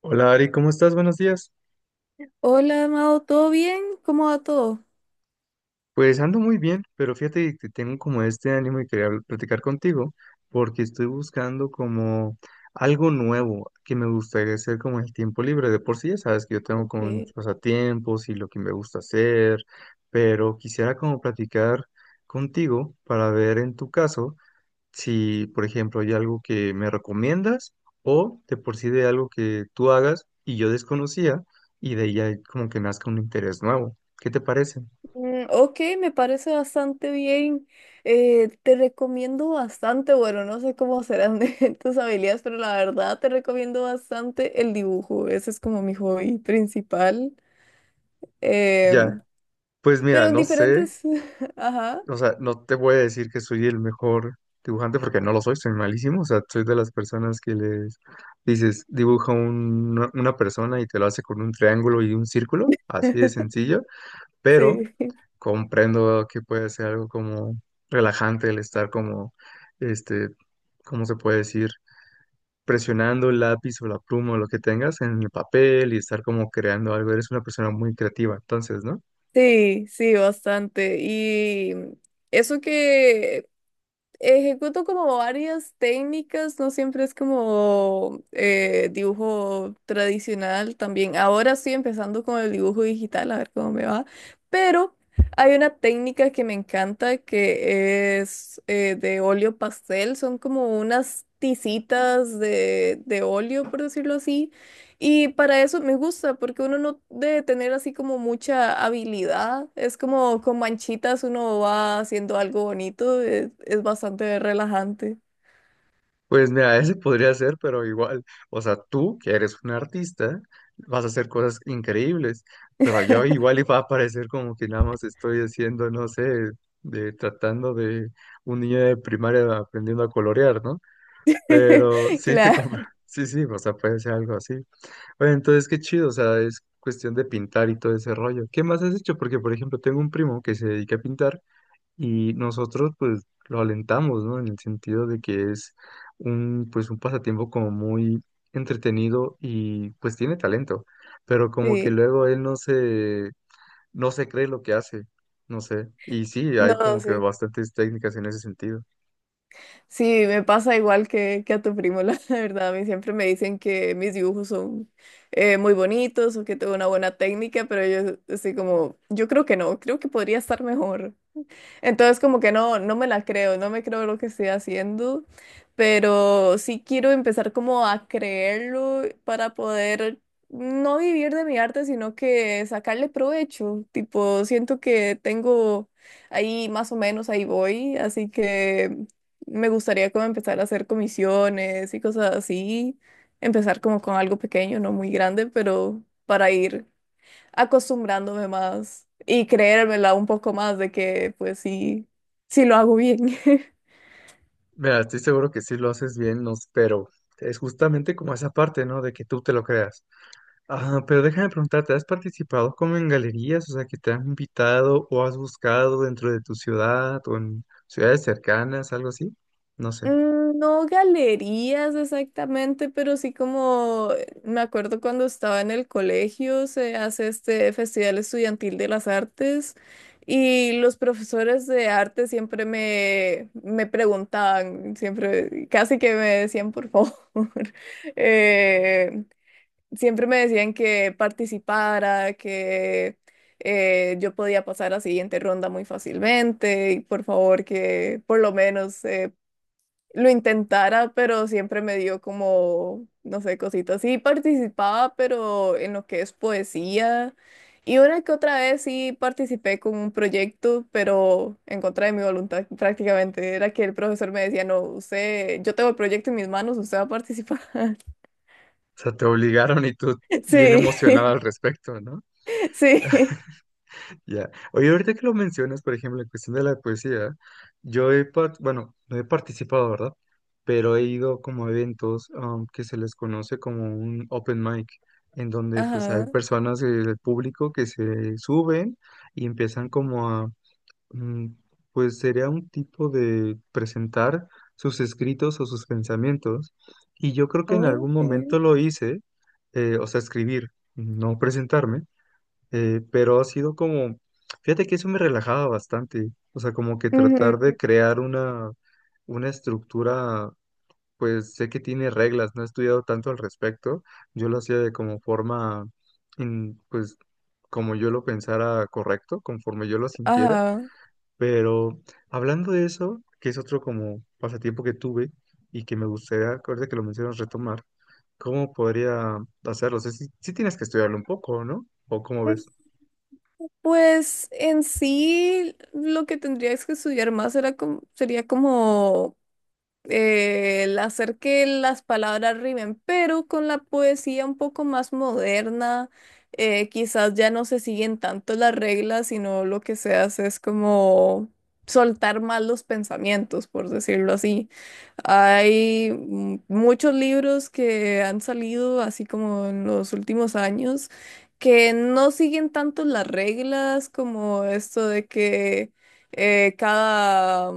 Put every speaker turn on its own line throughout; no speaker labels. Hola Ari, ¿cómo estás? Buenos días.
Hola, Amado, ¿todo bien? ¿Cómo va todo?
Pues ando muy bien, pero fíjate que tengo como este ánimo y quería platicar contigo porque estoy buscando como algo nuevo que me gustaría hacer como en el tiempo libre. De por sí ya sabes que yo tengo como
Okay.
mis pasatiempos y lo que me gusta hacer, pero quisiera como platicar contigo para ver en tu caso. Si, por ejemplo, hay algo que me recomiendas o de por sí de algo que tú hagas y yo desconocía y de ahí ya como que nazca un interés nuevo. ¿Qué te parece?
Ok, me parece bastante bien. Te recomiendo bastante, bueno, no sé cómo serán de tus habilidades, pero la verdad te recomiendo bastante el dibujo. Ese es como mi hobby principal.
Ya,
Em,
pues mira,
pero en
no sé,
diferentes... Ajá.
o sea, no te voy a decir que soy el mejor dibujante porque no lo soy, soy malísimo, o sea, soy de las personas que les dices, dibuja una persona y te lo hace con un triángulo y un círculo, así de sencillo, pero
Sí,
comprendo que puede ser algo como relajante el estar como, este, ¿cómo se puede decir? Presionando el lápiz o la pluma o lo que tengas en el papel y estar como creando algo. Eres una persona muy creativa, entonces, ¿no?
sí, bastante. Y eso que ejecuto como varias técnicas, no siempre es como dibujo tradicional también. Ahora estoy empezando con el dibujo digital, a ver cómo me va. Pero hay una técnica que me encanta que es de óleo pastel, son como unas tizitas de óleo, por decirlo así, y para eso me gusta, porque uno no debe tener así como mucha habilidad. Es como con manchitas uno va haciendo algo bonito. Es bastante relajante.
Pues mira, ese podría ser, pero igual, o sea, tú que eres un artista, vas a hacer cosas increíbles, pero yo igual y va a parecer como que nada más estoy haciendo, no sé, de tratando de un niño de primaria aprendiendo a colorear, ¿no? Pero sí te
Claro,
compra. Sí, sí, o sea, puede ser algo así. Bueno, entonces qué chido, o sea, es cuestión de pintar y todo ese rollo. ¿Qué más has hecho? Porque, por ejemplo, tengo un primo que se dedica a pintar y nosotros, pues, lo alentamos, ¿no? En el sentido de que es un, pues, un pasatiempo como muy entretenido y, pues, tiene talento. Pero como que
sí.
luego él no se cree lo que hace, no sé. Y sí,
No,
hay como que
sí.
bastantes técnicas en ese sentido.
Sí, me pasa igual que a tu primo, la verdad. A mí siempre me dicen que mis dibujos son muy bonitos o que tengo una buena técnica, pero yo estoy como, yo creo que no, creo que podría estar mejor. Entonces como que no, no me la creo, no me creo lo que estoy haciendo, pero sí quiero empezar como a creerlo para poder no vivir de mi arte, sino que sacarle provecho. Tipo, siento que tengo ahí más o menos, ahí voy, así que me gustaría como empezar a hacer comisiones y cosas así, empezar como con algo pequeño, no muy grande, pero para ir acostumbrándome más y creérmela un poco más de que pues sí, sí lo hago bien.
Mira, estoy seguro que sí lo haces bien, no, pero es justamente como esa parte, ¿no? De que tú te lo creas. Ah, pero déjame preguntarte, ¿has participado como en galerías? O sea, que te han invitado o has buscado dentro de tu ciudad o en ciudades cercanas, algo así. No sé. O
No galerías exactamente, pero sí como me acuerdo cuando estaba en el colegio, se hace este Festival Estudiantil de las Artes y los profesores de arte siempre me, me preguntaban, siempre casi que me decían por favor, eh, siempre me decían que participara, que yo podía pasar a siguiente ronda muy fácilmente y por favor que por lo menos lo intentara, pero siempre me dio como, no sé, cositas. Sí participaba, pero en lo que es poesía. Y una que otra vez sí participé con un proyecto, pero en contra de mi voluntad prácticamente. Era que el profesor me decía, no, usted, yo tengo el proyecto en mis manos, usted va a participar.
sea, te obligaron y tú bien
Sí,
emocionado al respecto, ¿no?
sí.
Ya. Oye, ahorita que lo mencionas, por ejemplo, en cuestión de la poesía, yo he, bueno, no he participado, ¿verdad? Pero he ido como a eventos que se les conoce como un open mic, en donde pues hay
Ajá.
personas del público que se suben y empiezan como mm, pues sería un tipo de presentar sus escritos o sus pensamientos. Y yo creo que en algún
Ok.
momento lo hice, o sea, escribir, no presentarme. Pero ha sido como, fíjate que eso me relajaba bastante, o sea, como que tratar
Ujú.
de crear una estructura, pues sé que tiene reglas, no he estudiado tanto al respecto, yo lo hacía de como forma, pues como yo lo pensara correcto, conforme yo lo sintiera,
Ajá.
pero hablando de eso, que es otro como pasatiempo que tuve y que me gustaría, ahorita que lo mencionas, retomar, ¿cómo podría hacerlo? O sea, sí, sí tienes que estudiarlo un poco, ¿no? ¿O cómo ves?
Pues en sí lo que tendrías que estudiar más era como, sería como el hacer que las palabras rimen, pero con la poesía un poco más moderna, quizás ya no se siguen tanto las reglas, sino lo que se hace es como soltar más los pensamientos, por decirlo así. Hay muchos libros que han salido, así como en los últimos años, que no siguen tanto las reglas como esto de que cada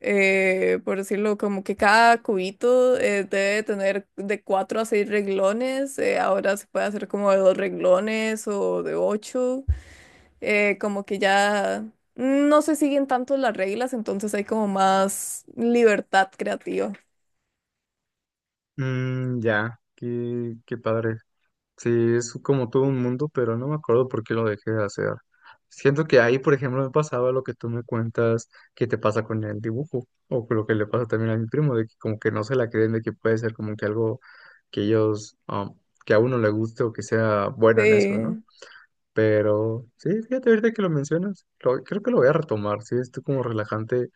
por decirlo, como que cada cubito debe tener de cuatro a seis reglones, ahora se puede hacer como de dos reglones o de ocho, como que ya no se siguen tanto las reglas, entonces hay como más libertad creativa.
Mm, ya, qué, qué padre. Sí, es como todo un mundo, pero no me acuerdo por qué lo dejé de hacer. Siento que ahí, por ejemplo, me pasaba lo que tú me cuentas que te pasa con el dibujo, o con lo que le pasa también a mi primo, de que como que no se la creen, de que puede ser como que algo que ellos, que a uno le guste o que sea bueno en eso, ¿no?
Sí,
Pero sí, fíjate ahorita que lo mencionas, creo que lo voy a retomar, sí, es como relajante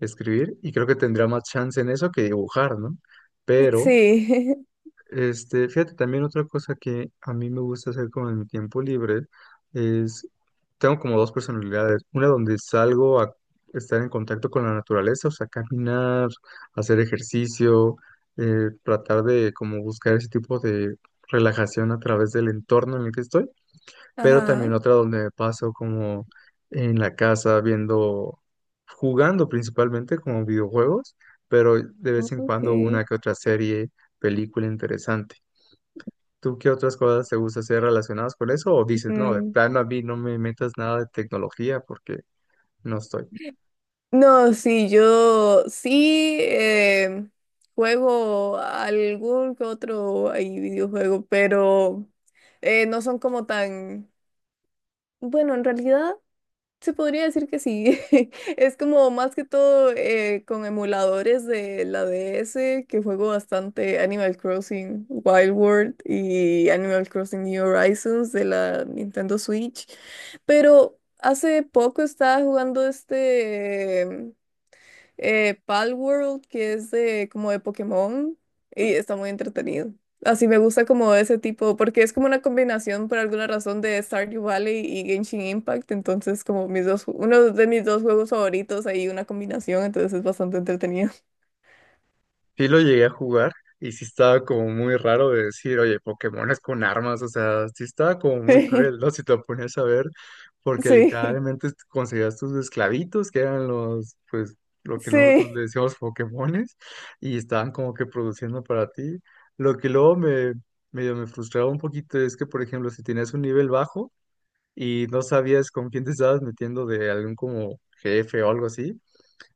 escribir y creo que tendría más chance en eso que dibujar, ¿no? Pero...
sí,
Este, fíjate, también otra cosa que a mí me gusta hacer como en mi tiempo libre es, tengo como dos personalidades, una donde salgo a estar en contacto con la naturaleza, o sea, caminar, hacer ejercicio, tratar de como buscar ese tipo de relajación a través del entorno en el que estoy, pero
ajá,
también otra donde me paso como en la casa viendo, jugando principalmente como videojuegos, pero de vez en cuando
ok.
una que otra serie, película interesante. ¿Tú qué otras cosas te gusta hacer relacionadas con eso? ¿O dices, no, de
Mm.
plano a mí no me metas nada de tecnología porque no estoy?
No, sí, yo sí juego algún que otro ahí videojuego, pero no son como tan... Bueno, en realidad se podría decir que sí. Es como más que todo con emuladores de la DS que juego bastante Animal Crossing Wild World y Animal Crossing New Horizons de la Nintendo Switch, pero hace poco estaba jugando este... Palworld, que es de como de Pokémon, y está muy entretenido. Así me gusta como ese tipo, porque es como una combinación por alguna razón de Stardew Valley y Genshin Impact, entonces como mis dos, uno de mis dos juegos favoritos, hay una combinación, entonces es bastante entretenido.
Sí lo llegué a jugar y sí estaba como muy raro de decir, oye, Pokémon es con armas, o sea, sí estaba como muy cruel, ¿no? Si te lo ponías a ver, porque
Sí, sí,
literalmente conseguías tus esclavitos, que eran los, pues, lo que
sí,
nosotros le decíamos Pokémones, y estaban como que produciendo para ti. Lo que luego me, medio me frustraba un poquito es que, por ejemplo, si tenías un nivel bajo, y no sabías con quién te estabas metiendo de algún como jefe o algo así,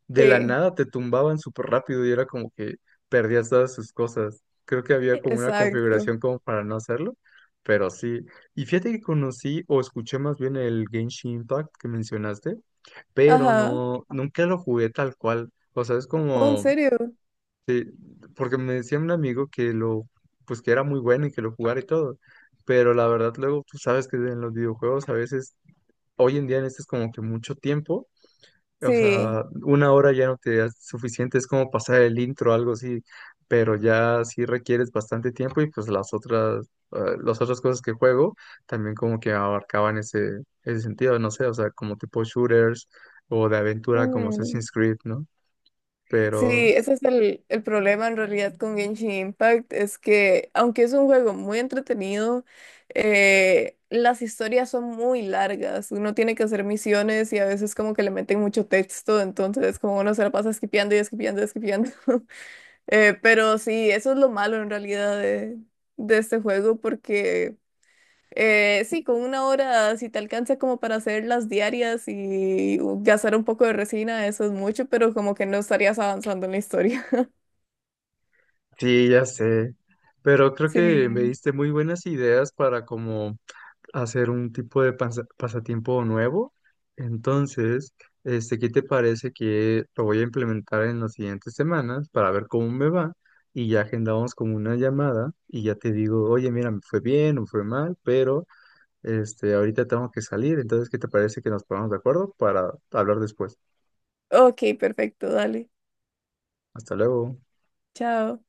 de la
sí,
nada te tumbaban súper rápido y era como que perdías todas sus cosas. Creo que había como una
exacto.
configuración como para no hacerlo, pero sí. Y fíjate que conocí o escuché más bien el Genshin Impact que mencionaste, pero
Ajá.
no, nunca lo jugué tal cual. O sea, es
Oh, ¿en
como,
serio?
porque me decía un amigo que lo, pues que era muy bueno y que lo jugara y todo. Pero la verdad luego tú sabes que en los videojuegos a veces hoy en día necesitas como que mucho tiempo, o
Sí.
sea, 1 hora ya no te da suficiente, es como pasar el intro, algo así, pero ya sí requieres bastante tiempo y pues las otras cosas que juego también como que abarcaban ese, ese sentido, no sé, o sea, como tipo shooters o de aventura como Assassin's Creed, ¿no?
Sí,
Pero
ese es el problema en realidad con Genshin Impact, es que aunque es un juego muy entretenido, las historias son muy largas, uno tiene que hacer misiones y a veces como que le meten mucho texto, entonces como uno se la pasa esquipeando y esquipeando y esquipeando. Pero sí, eso es lo malo en realidad de este juego porque... sí, con una hora, si te alcanza como para hacer las diarias y gastar un poco de resina, eso es mucho, pero como que no estarías avanzando en la historia.
sí, ya sé, pero creo que me
Sí.
diste muy buenas ideas para como hacer un tipo de pasatiempo nuevo. Entonces, este, ¿qué te parece que lo voy a implementar en las siguientes semanas para ver cómo me va? Y ya agendamos como una llamada y ya te digo, oye, mira, me fue bien o fue mal, pero este, ahorita tengo que salir. Entonces, ¿qué te parece que nos pongamos de acuerdo para hablar después?
Ok, perfecto, dale.
Hasta luego.
Chao.